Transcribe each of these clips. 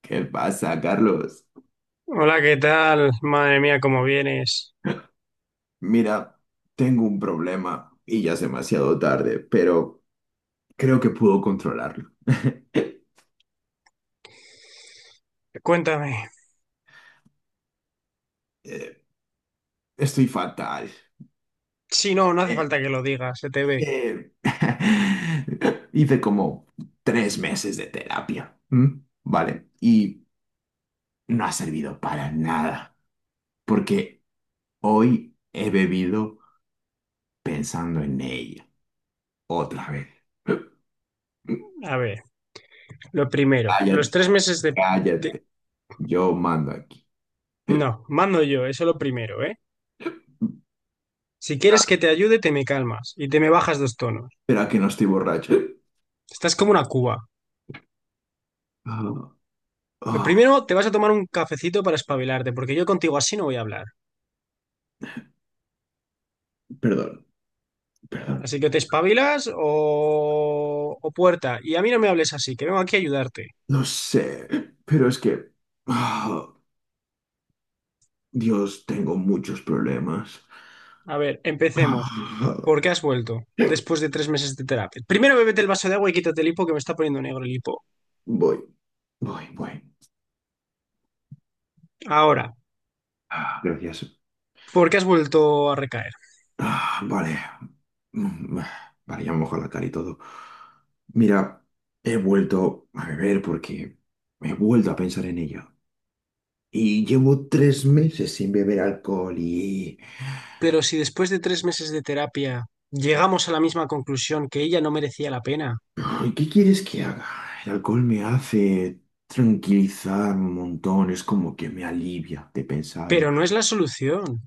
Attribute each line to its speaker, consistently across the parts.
Speaker 1: ¿Qué pasa, Carlos?
Speaker 2: Hola, ¿qué tal? Madre mía, ¿cómo vienes?
Speaker 1: Mira, tengo un problema y ya es demasiado tarde, pero creo que puedo controlarlo.
Speaker 2: Cuéntame.
Speaker 1: Eh, Estoy fatal.
Speaker 2: Sí, no, no hace
Speaker 1: Eh,
Speaker 2: falta que lo digas, se te ve.
Speaker 1: eh, Hice como 3 meses de terapia, ¿m? ¿Vale? Y no ha servido para nada, porque hoy he bebido pensando en ella, otra vez.
Speaker 2: A ver, lo primero, los
Speaker 1: Cállate,
Speaker 2: 3 meses de, de-
Speaker 1: cállate, yo mando aquí.
Speaker 2: No, mando yo, eso lo primero, ¿eh? Si quieres que te ayude, te me calmas y te me bajas dos tonos.
Speaker 1: Pero que no estoy borracho.
Speaker 2: Estás como una cuba.
Speaker 1: Ah,
Speaker 2: Lo
Speaker 1: ah,
Speaker 2: primero, te vas a tomar un cafecito para espabilarte, porque yo contigo así no voy a hablar.
Speaker 1: perdón, perdón.
Speaker 2: Así que te espabilas o puerta. Y a mí no me hables así, que vengo aquí a ayudarte.
Speaker 1: No sé, pero es que... ah, Dios, tengo muchos problemas.
Speaker 2: A ver, empecemos.
Speaker 1: Ah,
Speaker 2: ¿Por qué has vuelto después de 3 meses de terapia? Primero bébete el vaso de agua y quítate el hipo que me está poniendo negro el hipo.
Speaker 1: voy, voy, voy.
Speaker 2: Ahora,
Speaker 1: Ah, gracias.
Speaker 2: ¿por qué has vuelto a recaer?
Speaker 1: Ah, vale. Vale, ya me mojo la cara y todo. Mira, he vuelto a beber porque he vuelto a pensar en ella. Y llevo 3 meses sin beber alcohol.
Speaker 2: Pero si después de 3 meses de terapia llegamos a la misma conclusión que ella no merecía la pena,
Speaker 1: Ay, ¿qué quieres que haga? El alcohol me hace tranquilizar un montón, es como que me alivia de pensar, ¿eh?
Speaker 2: pero no es la solución.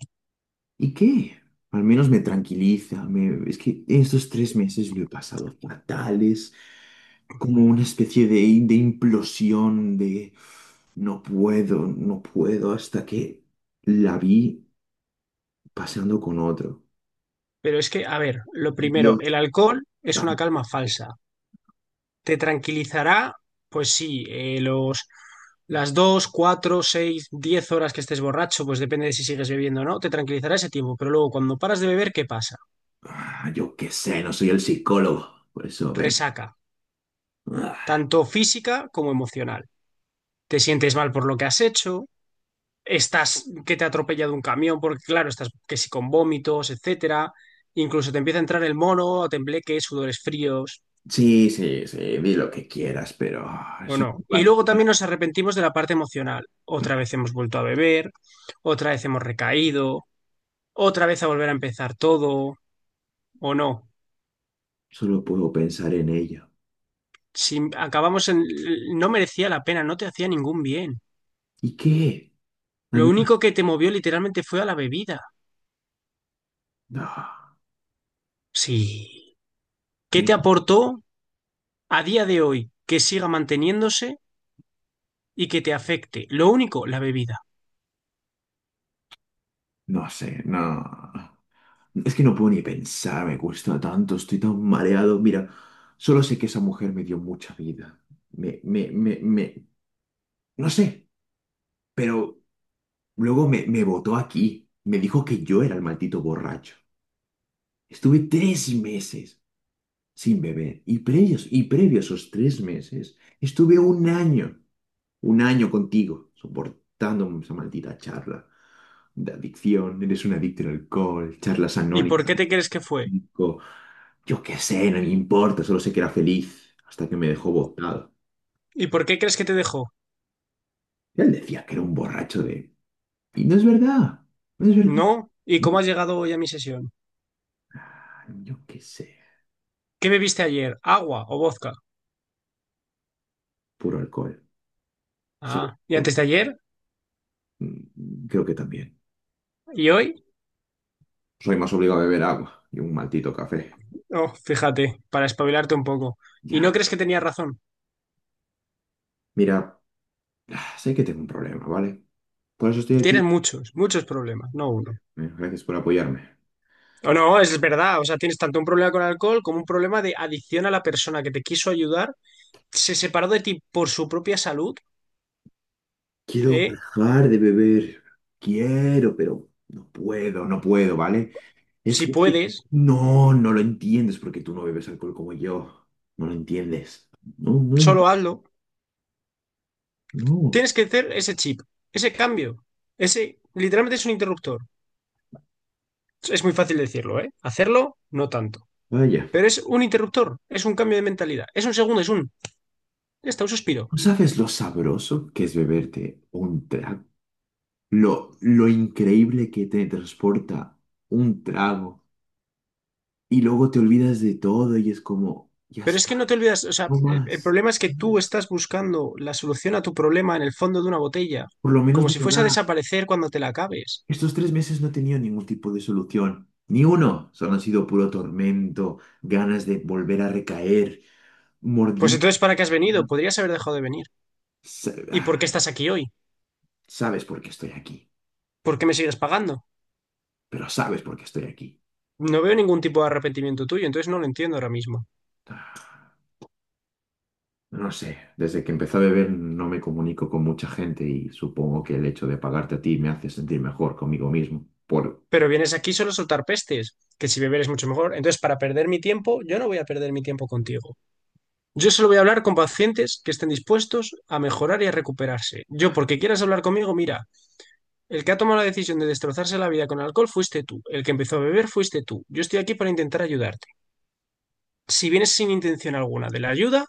Speaker 1: ¿Y qué? Al menos me tranquiliza. Es que estos 3 meses lo he pasado fatales, como una especie de implosión de no puedo, no puedo, hasta que la vi paseando con otro.
Speaker 2: Pero es que, a ver, lo
Speaker 1: Yo,
Speaker 2: primero, el alcohol es una
Speaker 1: tam-
Speaker 2: calma falsa. ¿Te tranquilizará? Pues sí, las 2, 4, 6, 10 horas que estés borracho, pues depende de si sigues bebiendo o no, te tranquilizará ese tiempo. Pero luego, cuando paras de beber, ¿qué pasa?
Speaker 1: Ah, yo qué sé, no soy el psicólogo, por eso ve.
Speaker 2: Resaca, tanto física como emocional. Te sientes mal por lo que has hecho, estás que te ha atropellado un camión, porque claro, estás que si con vómitos, etcétera. Incluso te empieza a entrar el mono, tembleques, sudores fríos,
Speaker 1: Sí, sí, sí, di lo que quieras, pero
Speaker 2: o
Speaker 1: eso no
Speaker 2: no.
Speaker 1: va a
Speaker 2: Y
Speaker 1: acabar.
Speaker 2: luego también nos arrepentimos de la parte emocional. Otra vez hemos vuelto a beber, otra vez hemos recaído, otra vez a volver a empezar todo, o no.
Speaker 1: Solo puedo pensar en ello.
Speaker 2: Si acabamos en... No merecía la pena, no te hacía ningún bien.
Speaker 1: ¿Y qué? Al
Speaker 2: Lo
Speaker 1: menos-
Speaker 2: único que te movió literalmente fue a la bebida.
Speaker 1: no,
Speaker 2: Sí. ¿Qué
Speaker 1: no,
Speaker 2: te aportó a día de hoy que siga manteniéndose y que te afecte? Lo único, la bebida.
Speaker 1: no sé, no. Es que no puedo ni pensar, me cuesta tanto, estoy tan mareado. Mira, solo sé que esa mujer me dio mucha vida. Me, no sé, pero luego me botó aquí. Me dijo que yo era el maldito borracho. Estuve 3 meses sin beber. Y previos, y previo a esos 3 meses, estuve un año contigo, soportando esa maldita charla de adicción. Eres un adicto al alcohol, charlas
Speaker 2: ¿Y por
Speaker 1: anónimas.
Speaker 2: qué te crees que fue?
Speaker 1: Yo qué sé, no me importa, solo sé que era feliz hasta que me dejó botado.
Speaker 2: ¿Y por qué crees que te dejó?
Speaker 1: Él decía que era un borracho. Y no es verdad, no es verdad.
Speaker 2: No. ¿Y cómo
Speaker 1: No,
Speaker 2: has llegado hoy a mi sesión?
Speaker 1: yo qué sé,
Speaker 2: ¿Qué bebiste ayer? ¿Agua o vodka?
Speaker 1: puro alcohol, solo
Speaker 2: Ah, ¿y
Speaker 1: alcohol.
Speaker 2: antes de ayer?
Speaker 1: Creo que también.
Speaker 2: ¿Y hoy?
Speaker 1: Soy más obligado a beber agua y un maldito café.
Speaker 2: Oh, fíjate, para espabilarte un poco. ¿Y no
Speaker 1: Ya,
Speaker 2: crees que tenías razón?
Speaker 1: mira, sé que tengo un problema, ¿vale? Por eso estoy aquí.
Speaker 2: Tienes muchos, muchos problemas, no uno.
Speaker 1: Gracias por apoyarme.
Speaker 2: O no, es verdad, o sea, tienes tanto un problema con el alcohol como un problema de adicción a la persona que te quiso ayudar, se separó de ti por su propia salud,
Speaker 1: Quiero
Speaker 2: ¿eh?
Speaker 1: dejar de beber. Quiero, pero no puedo, no puedo, ¿vale? Es
Speaker 2: Si
Speaker 1: que
Speaker 2: puedes,
Speaker 1: no, no lo entiendes porque tú no bebes alcohol como yo. No lo entiendes. No, no,
Speaker 2: solo hazlo.
Speaker 1: no.
Speaker 2: Tienes que hacer ese chip, ese cambio. Ese literalmente es un interruptor. Es muy fácil decirlo, ¿eh? Hacerlo, no tanto.
Speaker 1: Vaya.
Speaker 2: Pero es un interruptor, es un cambio de mentalidad. Es un segundo, es un. Ya está, un suspiro.
Speaker 1: ¿No sabes lo sabroso que es beberte un trago? Lo increíble que te transporta un trago. Y luego te olvidas de todo y es como, ya
Speaker 2: Pero es
Speaker 1: está,
Speaker 2: que no te olvidas, o sea,
Speaker 1: no
Speaker 2: el
Speaker 1: más.
Speaker 2: problema es que tú estás buscando la solución a tu problema en el fondo de una botella,
Speaker 1: Por lo menos
Speaker 2: como
Speaker 1: me
Speaker 2: si
Speaker 1: lo
Speaker 2: fuese a
Speaker 1: da.
Speaker 2: desaparecer cuando te la acabes.
Speaker 1: Estos tres meses no he tenido ningún tipo de solución. Ni uno. Solo han sido puro tormento, ganas de volver a recaer,
Speaker 2: Pues
Speaker 1: mordiendo.
Speaker 2: entonces, ¿para qué has venido? Podrías haber dejado de venir.
Speaker 1: Sa-
Speaker 2: ¿Y
Speaker 1: ah,
Speaker 2: por qué estás aquí hoy?
Speaker 1: Sabes por qué estoy aquí,
Speaker 2: ¿Por qué me sigues pagando?
Speaker 1: pero sabes por qué estoy aquí.
Speaker 2: No veo ningún tipo de arrepentimiento tuyo, entonces no lo entiendo ahora mismo.
Speaker 1: Ah, No sé, desde que empecé a beber no me comunico con mucha gente y supongo que el hecho de pagarte a ti me hace sentir mejor conmigo mismo por
Speaker 2: Pero vienes aquí solo a soltar pestes, que si beber es mucho mejor. Entonces, para perder mi tiempo, yo no voy a perder mi tiempo contigo. Yo solo voy a hablar con pacientes que estén dispuestos a mejorar y a recuperarse. Yo, porque quieras hablar conmigo, mira, el que ha tomado la decisión de destrozarse la vida con alcohol fuiste tú. El que empezó a beber fuiste tú. Yo estoy aquí para intentar ayudarte. Si vienes sin intención alguna de la ayuda,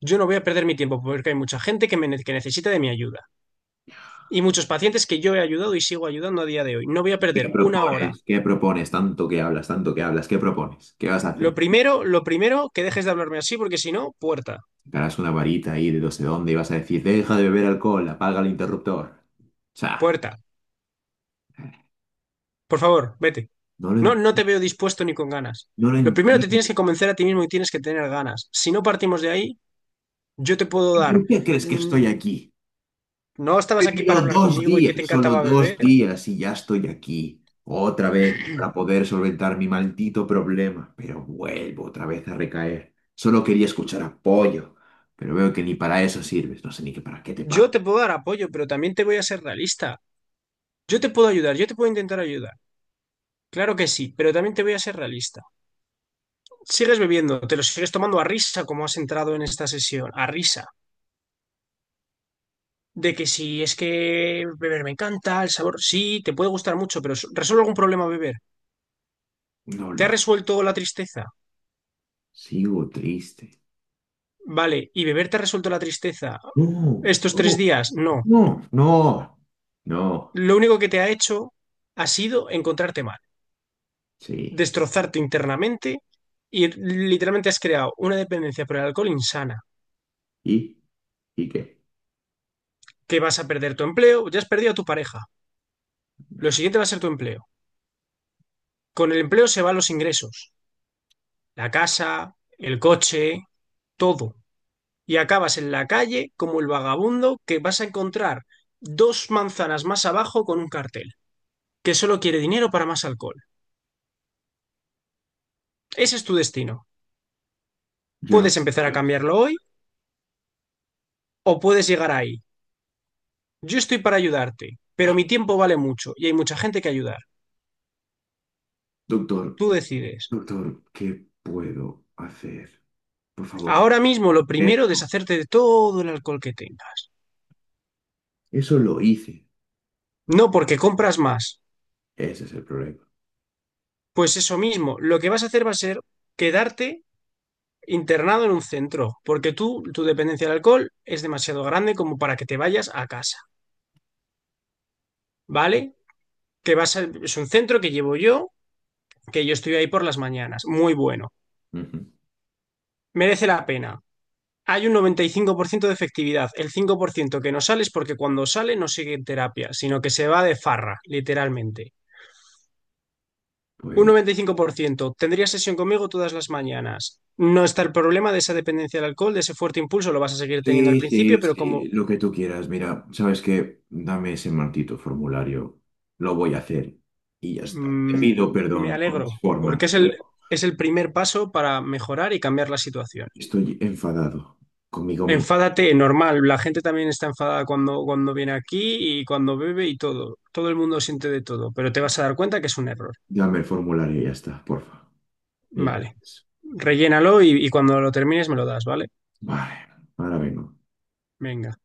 Speaker 2: yo no voy a perder mi tiempo porque hay mucha gente que, me que necesita de mi ayuda. Y muchos pacientes que yo he ayudado y sigo ayudando a día de hoy. No voy a
Speaker 1: ¿Qué
Speaker 2: perder una hora.
Speaker 1: propones? ¿Qué propones? Tanto que hablas, ¿qué propones? ¿Qué vas a hacer?
Speaker 2: Lo primero, que dejes de hablarme así, porque si no, puerta,
Speaker 1: Sacarás una varita ahí de no sé dónde y vas a decir, deja de beber alcohol, apaga el interruptor. O sea,
Speaker 2: puerta. Por favor, vete.
Speaker 1: no lo,
Speaker 2: No,
Speaker 1: en-
Speaker 2: no te veo dispuesto ni con ganas.
Speaker 1: no lo
Speaker 2: Lo primero te tienes
Speaker 1: entiendo.
Speaker 2: que convencer a ti mismo y tienes que tener ganas. Si no partimos de ahí, yo te puedo dar.
Speaker 1: ¿Por qué crees que
Speaker 2: mm,
Speaker 1: estoy aquí?
Speaker 2: No
Speaker 1: He
Speaker 2: estabas aquí
Speaker 1: vivido
Speaker 2: para hablar
Speaker 1: dos
Speaker 2: conmigo y
Speaker 1: días,
Speaker 2: que te
Speaker 1: solo
Speaker 2: encantaba
Speaker 1: dos
Speaker 2: beber.
Speaker 1: días y ya estoy aquí. Otra vez para poder solventar mi maldito problema, pero vuelvo otra vez a recaer. Solo quería escuchar apoyo, pero veo que ni para eso sirves. No sé ni que para qué te
Speaker 2: Yo
Speaker 1: pago.
Speaker 2: te puedo dar apoyo, pero también te voy a ser realista. Yo te puedo ayudar, yo te puedo intentar ayudar. Claro que sí, pero también te voy a ser realista. Sigues bebiendo, te lo sigues tomando a risa como has entrado en esta sesión, a risa, de que si es que beber me encanta, el sabor sí, te puede gustar mucho, pero resuelve algún problema beber.
Speaker 1: No
Speaker 2: ¿Te
Speaker 1: lo
Speaker 2: ha resuelto la tristeza?
Speaker 1: Sigo triste.
Speaker 2: Vale, ¿y beber te ha resuelto la tristeza
Speaker 1: No,
Speaker 2: estos tres
Speaker 1: no,
Speaker 2: días? No.
Speaker 1: no, no, no.
Speaker 2: Lo único que te ha hecho ha sido encontrarte mal,
Speaker 1: Sí.
Speaker 2: destrozarte internamente y literalmente has creado una dependencia por el alcohol insana,
Speaker 1: ¿Y? ¿Y qué?
Speaker 2: que vas a perder tu empleo, ya has perdido a tu pareja. Lo siguiente va a ser tu empleo. Con el empleo se van los ingresos, la casa, el coche, todo, y acabas en la calle como el vagabundo que vas a encontrar dos manzanas más abajo con un cartel que solo quiere dinero para más alcohol. Ese es tu destino.
Speaker 1: Yo no
Speaker 2: Puedes empezar
Speaker 1: quiero
Speaker 2: a
Speaker 1: eso.
Speaker 2: cambiarlo hoy o puedes llegar ahí. Yo estoy para ayudarte, pero mi tiempo vale mucho y hay mucha gente que ayudar.
Speaker 1: Doctor,
Speaker 2: Tú decides.
Speaker 1: doctor, ¿qué puedo hacer? Por favor,
Speaker 2: Ahora mismo lo primero, es
Speaker 1: mételo.
Speaker 2: deshacerte de todo el alcohol que tengas.
Speaker 1: Eso lo hice.
Speaker 2: No porque compras más.
Speaker 1: Ese es el problema.
Speaker 2: Pues eso mismo, lo que vas a hacer va a ser quedarte internado en un centro, porque tú, tu dependencia del alcohol es demasiado grande como para que te vayas a casa, ¿vale? Que es un centro que llevo yo, que yo estoy ahí por las mañanas, muy bueno,
Speaker 1: Ujú.
Speaker 2: merece la pena. Hay un 95% de efectividad, el 5% que no sale es porque cuando sale no sigue en terapia, sino que se va de farra, literalmente. Un
Speaker 1: Pues
Speaker 2: 95% tendría sesión conmigo todas las mañanas. No está el problema de esa dependencia del alcohol, de ese fuerte impulso, lo vas a seguir teniendo al
Speaker 1: sí,
Speaker 2: principio,
Speaker 1: sí,
Speaker 2: pero
Speaker 1: sí,
Speaker 2: como.
Speaker 1: lo que tú quieras. Mira, ¿sabes qué? Dame ese maldito formulario. Lo voy a hacer. Y ya está. Te pido
Speaker 2: Me
Speaker 1: perdón por mis
Speaker 2: alegro,
Speaker 1: formas,
Speaker 2: porque es el,
Speaker 1: pero
Speaker 2: es el primer paso para mejorar y cambiar la situación.
Speaker 1: estoy enfadado conmigo mismo.
Speaker 2: Enfádate, normal, la gente también está enfadada cuando viene aquí y cuando bebe y todo. Todo el mundo siente de todo, pero te vas a dar cuenta que es un error.
Speaker 1: Dame el formulario y ya está, porfa. Y
Speaker 2: Vale,
Speaker 1: gracias.
Speaker 2: rellénalo y cuando lo termines me lo das, ¿vale?
Speaker 1: Vale, ahora vengo.
Speaker 2: Venga.